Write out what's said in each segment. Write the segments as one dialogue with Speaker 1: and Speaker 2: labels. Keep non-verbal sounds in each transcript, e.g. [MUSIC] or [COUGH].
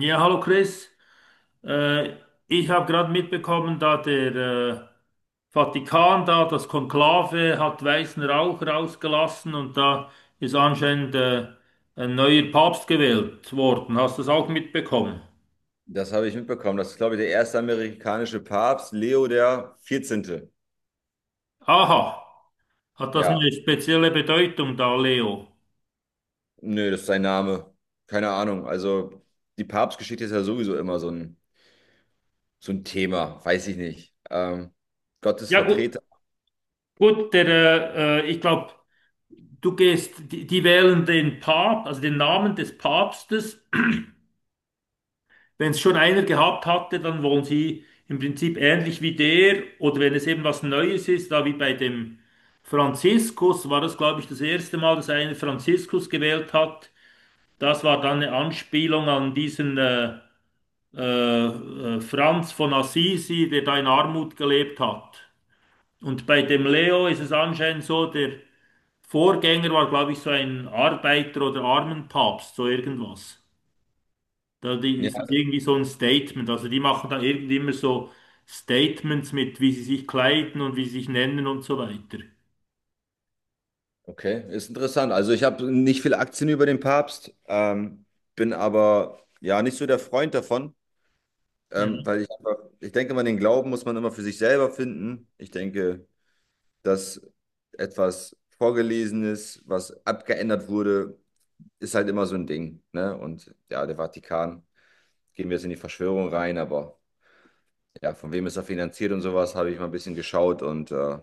Speaker 1: Ja, hallo Chris. Äh, Ich habe gerade mitbekommen, da der Vatikan da, das Konklave, hat weißen Rauch rausgelassen und da ist anscheinend ein neuer Papst gewählt worden. Hast du das auch mitbekommen?
Speaker 2: Das habe ich mitbekommen. Das ist, glaube ich, der erste amerikanische Papst, Leo der 14.
Speaker 1: Aha, hat das
Speaker 2: Ja,
Speaker 1: eine spezielle Bedeutung da, Leo?
Speaker 2: nö, das ist sein Name. Keine Ahnung. Also die Papstgeschichte ist ja sowieso immer so ein Thema. Weiß ich nicht. Gottes
Speaker 1: Ja, gut,
Speaker 2: Vertreter.
Speaker 1: gut, der, ich glaube, du gehst, die wählen den Papst, also den Namen des Papstes. Wenn es schon einer gehabt hatte, dann wollen sie im Prinzip ähnlich wie der, oder wenn es eben was Neues ist, da wie bei dem Franziskus war das, glaube ich, das erste Mal, dass einer Franziskus gewählt hat. Das war dann eine Anspielung an diesen äh, Franz von Assisi, der da in Armut gelebt hat. Und bei dem Leo ist es anscheinend so, der Vorgänger war, glaube ich, so ein Arbeiter- oder Armenpapst, so irgendwas.
Speaker 2: Ja,
Speaker 1: Ist das irgendwie so ein Statement? Also die machen da irgendwie immer so Statements mit, wie sie sich kleiden und wie sie sich nennen und so weiter.
Speaker 2: okay. Ist interessant. Also ich habe nicht viele Aktien über den Papst, bin aber ja nicht so der Freund davon,
Speaker 1: Mhm.
Speaker 2: weil ich einfach, ich denke, man den Glauben muss man immer für sich selber finden. Ich denke, dass etwas Vorgelesenes, was abgeändert wurde, ist halt immer so ein Ding, ne? Und ja, der Vatikan, gehen wir jetzt in die Verschwörung rein, aber ja, von wem ist er finanziert und sowas, habe ich mal ein bisschen geschaut und,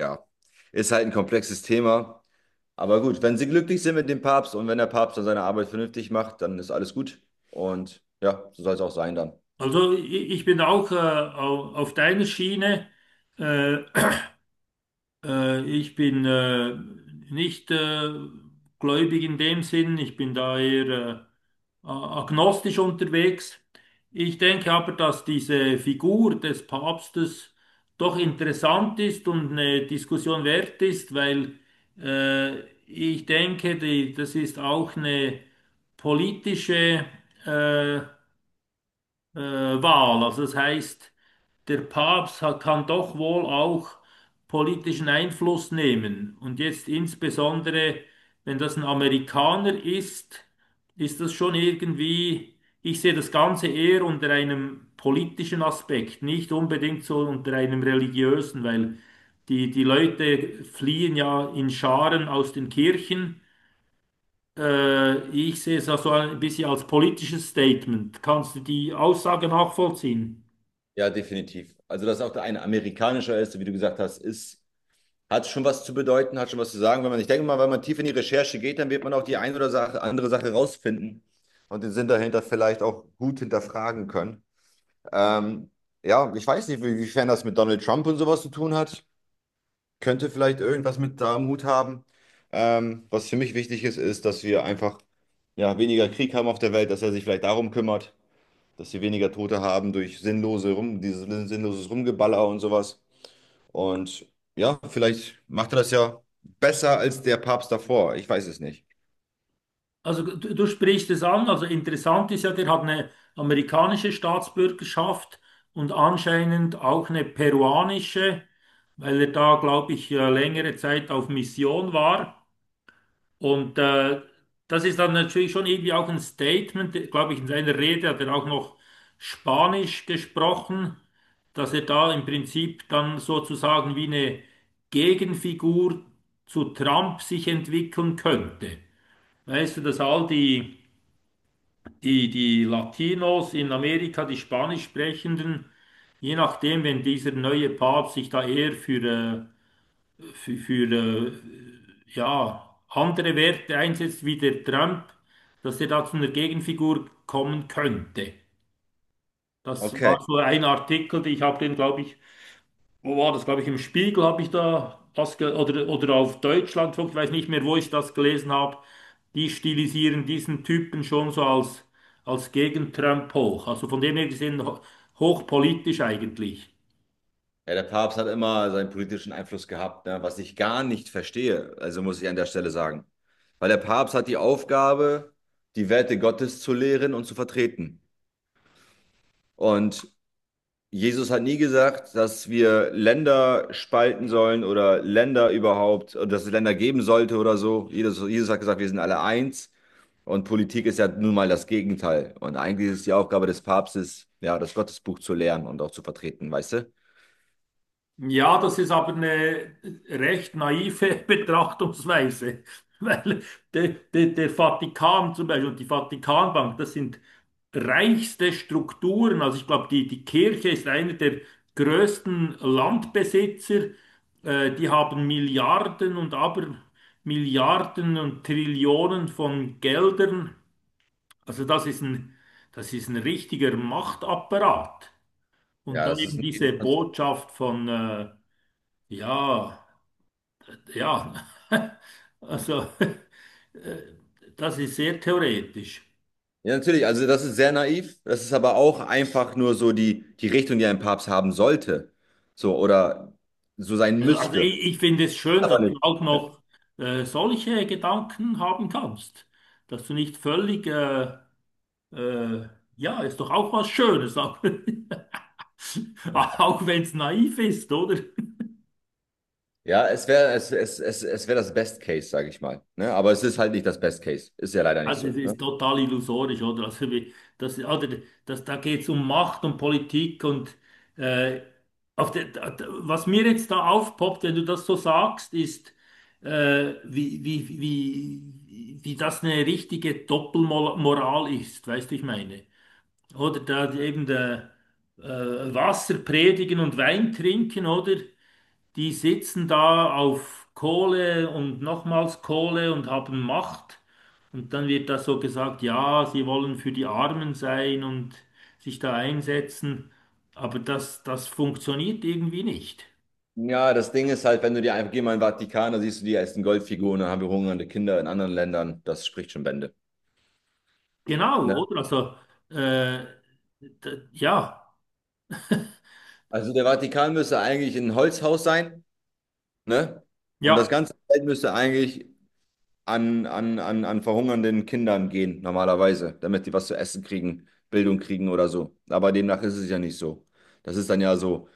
Speaker 2: ja, ist halt ein komplexes Thema. Aber gut, wenn sie glücklich sind mit dem Papst und wenn der Papst dann seine Arbeit vernünftig macht, dann ist alles gut. Und ja, so soll es auch sein dann.
Speaker 1: Also i- Ich bin auch auf deiner Schiene. Äh, Ich bin nicht gläubig in dem Sinn. Ich bin da eher äh, agnostisch unterwegs. Ich denke aber, dass diese Figur des Papstes doch interessant ist und eine Diskussion wert ist, weil äh, ich denke, das ist auch eine politische äh, Wahl. Also das heißt, der Papst hat, kann doch wohl auch politischen Einfluss nehmen. Und jetzt insbesondere, wenn das ein Amerikaner ist, ist das schon irgendwie, ich sehe das Ganze eher unter einem politischen Aspekt, nicht unbedingt so unter einem religiösen, weil die Leute fliehen ja in Scharen aus den Kirchen. Ich sehe es also ein bisschen als politisches Statement. Kannst du die Aussage nachvollziehen?
Speaker 2: Ja, definitiv. Also, dass auch der eine amerikanischer ist, wie du gesagt hast, ist hat schon was zu bedeuten, hat schon was zu sagen. Wenn man, ich denke mal, wenn man tief in die Recherche geht, dann wird man auch die eine oder Sache, andere Sache rausfinden und den Sinn dahinter vielleicht auch gut hinterfragen können. Ähm, ja, ich weiß nicht, inwiefern das mit Donald Trump und sowas zu tun hat. Könnte vielleicht irgendwas mit da am Hut haben. Was für mich wichtig ist, ist, dass wir einfach ja, weniger Krieg haben auf der Welt, dass er sich vielleicht darum kümmert, dass wir weniger Tote haben durch sinnlose Rum, dieses sinnloses Rumgeballer und sowas. Und ja, vielleicht macht er das ja besser als der Papst davor. Ich weiß es nicht.
Speaker 1: Also du sprichst es an, also interessant ist ja, der hat eine amerikanische Staatsbürgerschaft und anscheinend auch eine peruanische, weil er da, glaube ich, längere Zeit auf Mission war. Und das ist dann natürlich schon irgendwie auch ein Statement, glaube ich, in seiner Rede hat er auch noch Spanisch gesprochen, dass er da im Prinzip dann sozusagen wie eine Gegenfigur zu Trump sich entwickeln könnte. Weißt du, dass all die Latinos in Amerika, die Spanisch sprechenden, je nachdem, wenn dieser neue Papst sich da eher für, für äh, ja, andere Werte einsetzt wie der Trump, dass er da zu einer Gegenfigur kommen könnte. Das
Speaker 2: Okay.
Speaker 1: war so ein Artikel, den ich habe den, glaube ich, wo war das, glaube ich, im Spiegel habe ich da das oder auf Deutschlandfunk, ich weiß nicht mehr, wo ich das gelesen habe. Die stilisieren diesen Typen schon so als Gegen-Trump hoch. Also von dem her gesehen hochpolitisch eigentlich.
Speaker 2: Ja, der Papst hat immer seinen politischen Einfluss gehabt, ne? Was ich gar nicht verstehe, also muss ich an der Stelle sagen. Weil der Papst hat die Aufgabe, die Werte Gottes zu lehren und zu vertreten. Und Jesus hat nie gesagt, dass wir Länder spalten sollen oder Länder überhaupt, oder dass es Länder geben sollte oder so. Jesus hat gesagt, wir sind alle eins und Politik ist ja nun mal das Gegenteil. Und eigentlich ist es die Aufgabe des Papstes, ja, das Gottesbuch zu lernen und auch zu vertreten, weißt du?
Speaker 1: Ja, das ist aber eine recht naive [LAUGHS] Betrachtungsweise, weil der Vatikan zum Beispiel und die Vatikanbank, das sind reichste Strukturen. Also ich glaube, die Kirche ist einer der größten Landbesitzer. Die haben Milliarden und aber Milliarden und Trillionen von Geldern. Also das ist ein richtiger Machtapparat. Und
Speaker 2: Ja,
Speaker 1: dann
Speaker 2: das ist
Speaker 1: eben
Speaker 2: ein
Speaker 1: diese
Speaker 2: Gegenkonstrukt.
Speaker 1: Botschaft von... ja, ja. [LAUGHS] Also, äh, das ist sehr theoretisch.
Speaker 2: Ja, natürlich, also das ist sehr naiv. Das ist aber auch einfach nur so die, die Richtung, die ein Papst haben sollte. So, oder so sein
Speaker 1: Also,
Speaker 2: müsste.
Speaker 1: ich finde es schön,
Speaker 2: Aber
Speaker 1: dass du
Speaker 2: nicht.
Speaker 1: auch noch solche Gedanken haben kannst. Dass du nicht völlig, äh, ja, ist doch auch was Schönes, auch, [LAUGHS] auch wenn es naiv ist, oder?
Speaker 2: Ja, es wäre es, wär das Best Case, sage ich mal. Ne? Aber es ist halt nicht das Best Case. Ist ja leider nicht
Speaker 1: Also es
Speaker 2: so. Ne?
Speaker 1: ist total illusorisch, oder? Also wie, das, oder das, da geht es um Macht und Politik und äh, auf der, was mir jetzt da aufpoppt, wenn du das so sagst, ist, wie das eine richtige Doppelmoral ist, weißt du, ich meine. Oder da eben der, äh, Wasser predigen und Wein trinken, oder? Die sitzen da auf Kohle und nochmals Kohle und haben Macht. Und dann wird da so gesagt, ja, sie wollen für die Armen sein und sich da einsetzen. Aber das funktioniert irgendwie nicht.
Speaker 2: Ja, das Ding ist halt, wenn du dir einfach geh mal in den Vatikan, da siehst du die ersten Goldfiguren, dann haben wir hungernde Kinder in anderen Ländern. Das spricht schon Bände.
Speaker 1: Genau,
Speaker 2: Ne?
Speaker 1: oder? Also, äh, ja,
Speaker 2: Also der Vatikan müsste eigentlich ein Holzhaus sein, ne? Und das
Speaker 1: ja.
Speaker 2: ganze Feld müsste eigentlich an verhungernden Kindern gehen, normalerweise, damit die was zu essen kriegen, Bildung kriegen oder so. Aber demnach ist es ja nicht so. Das ist dann ja so,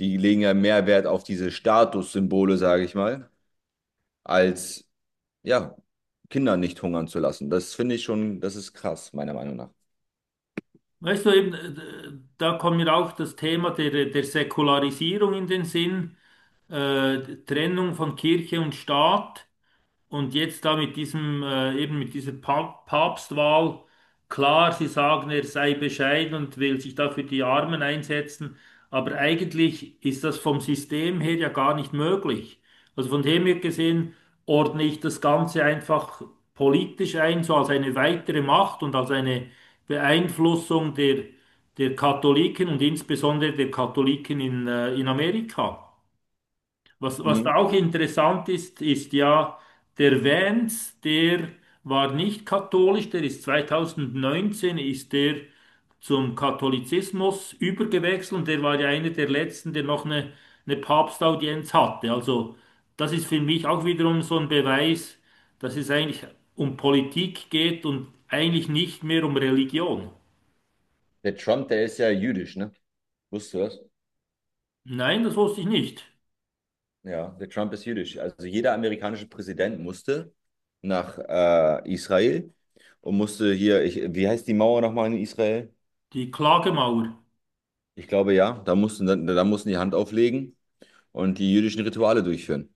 Speaker 2: die legen ja mehr Wert auf diese Statussymbole, sage ich mal, als, ja, Kinder nicht hungern zu lassen. Das finde ich schon, das ist krass, meiner Meinung nach.
Speaker 1: Weißt du, eben, da kommt mir auch das Thema der Säkularisierung in den Sinn, äh, Trennung von Kirche und Staat. Und jetzt da mit diesem, eben mit dieser Papstwahl, klar, sie sagen, er sei bescheiden und will sich da für die Armen einsetzen, aber eigentlich ist das vom System her ja gar nicht möglich. Also von dem her gesehen ordne ich das Ganze einfach politisch ein, so als eine weitere Macht und als eine Beeinflussung der Katholiken und insbesondere der Katholiken in Amerika. Was
Speaker 2: Mhm.
Speaker 1: da auch interessant ist, ist ja, der Vance, der war nicht katholisch, der ist 2019 ist der zum Katholizismus übergewechselt und der war ja einer der letzten, der noch eine Papstaudienz hatte. Also das ist für mich auch wiederum so ein Beweis, dass es eigentlich um Politik geht und eigentlich nicht mehr um Religion.
Speaker 2: Der Trump, der ist ja jüdisch, ne? Wusstest du das?
Speaker 1: Nein, das wusste ich nicht.
Speaker 2: Ja, der Trump ist jüdisch. Also jeder amerikanische Präsident musste nach Israel und musste hier, ich, wie heißt die Mauer nochmal in Israel?
Speaker 1: Die Klagemauer.
Speaker 2: Ich glaube ja, da mussten, da mussten die Hand auflegen und die jüdischen Rituale durchführen.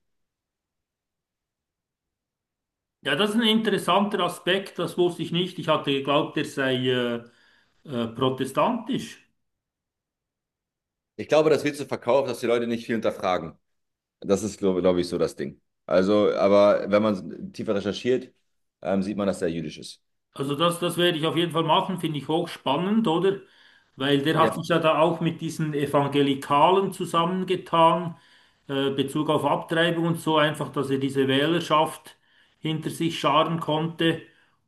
Speaker 1: Ja, das ist ein interessanter Aspekt, das wusste ich nicht. Ich hatte geglaubt, er sei protestantisch.
Speaker 2: Ich glaube, das wird so verkauft, dass die Leute nicht viel hinterfragen. Das ist, glaube ich, so das Ding. Also, aber wenn man tiefer recherchiert, sieht man, dass der jüdisch ist.
Speaker 1: Also das werde ich auf jeden Fall machen, finde ich hochspannend, oder? Weil der hat
Speaker 2: Ja.
Speaker 1: sich ja da auch mit diesen Evangelikalen zusammengetan, Bezug auf Abtreibung und so einfach, dass er diese Wählerschaft hinter sich scharen konnte.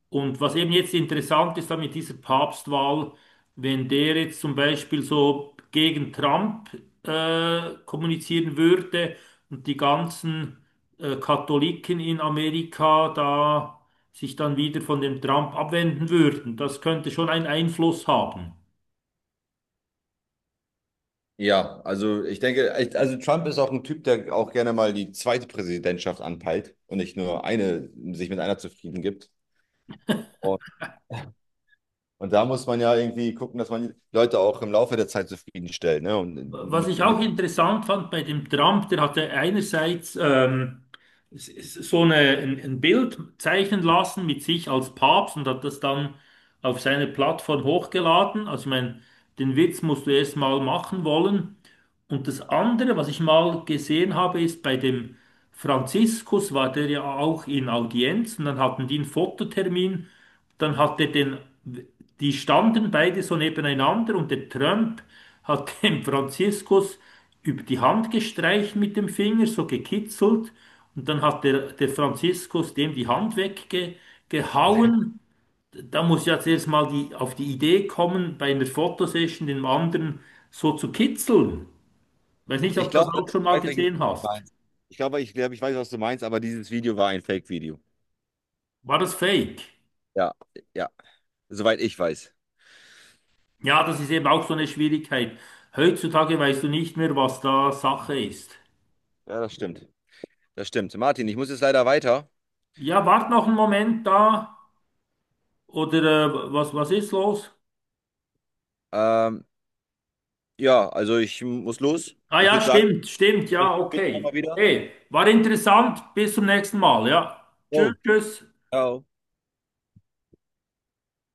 Speaker 1: Und was eben jetzt interessant ist da mit dieser Papstwahl, wenn der jetzt zum Beispiel so gegen Trump kommunizieren würde und die ganzen Katholiken in Amerika da sich dann wieder von dem Trump abwenden würden. Das könnte schon einen Einfluss haben.
Speaker 2: Ja, also ich denke, echt, also Trump ist auch ein Typ, der auch gerne mal die zweite Präsidentschaft anpeilt und nicht nur eine, sich mit einer zufrieden gibt. Und, und da muss man ja irgendwie gucken, dass man die Leute auch im Laufe der Zeit zufriedenstellt. Ne? Und
Speaker 1: Was
Speaker 2: mit,
Speaker 1: ich
Speaker 2: mit,
Speaker 1: auch interessant fand bei dem Trump, der hatte einerseits so ein Bild zeichnen lassen mit sich als Papst und hat das dann auf seine Plattform hochgeladen. Also ich meine, den Witz musst du erst mal machen wollen. Und das andere, was ich mal gesehen habe, ist bei dem Franziskus war der ja auch in Audienz und dann hatten die einen Fototermin. Dann hat er den, die standen beide so nebeneinander und der Trump hat [LAUGHS] dem Franziskus über die Hand gestreicht mit dem Finger, so gekitzelt. Und dann hat der Franziskus dem die Hand weggehauen. Da muss ja zuerst mal die, auf die Idee kommen, bei einer Fotosession den anderen so zu kitzeln. Weiß nicht,
Speaker 2: ich
Speaker 1: ob du das
Speaker 2: glaube,
Speaker 1: auch schon
Speaker 2: ich
Speaker 1: mal
Speaker 2: weiß, welches
Speaker 1: gesehen
Speaker 2: du
Speaker 1: hast.
Speaker 2: meinst. Ich glaube, ich weiß, was du meinst, aber dieses Video war ein Fake-Video.
Speaker 1: War das fake?
Speaker 2: Ja, ja, soweit ich weiß.
Speaker 1: Ja, das ist eben auch so eine Schwierigkeit. Heutzutage weißt du nicht mehr, was da Sache ist.
Speaker 2: Ja, das stimmt. Das stimmt. Martin, ich muss jetzt leider weiter.
Speaker 1: Ja, wart noch einen Moment da. Oder was ist los?
Speaker 2: Ähm, ja, also ich muss los.
Speaker 1: Ah
Speaker 2: Ich
Speaker 1: ja,
Speaker 2: würde sagen,
Speaker 1: stimmt, stimmt,
Speaker 2: vielleicht
Speaker 1: ja,
Speaker 2: später nochmal
Speaker 1: okay.
Speaker 2: wieder.
Speaker 1: Hey, war interessant. Bis zum nächsten Mal, ja. Tschüss,
Speaker 2: Jo.
Speaker 1: tschüss.
Speaker 2: Oh.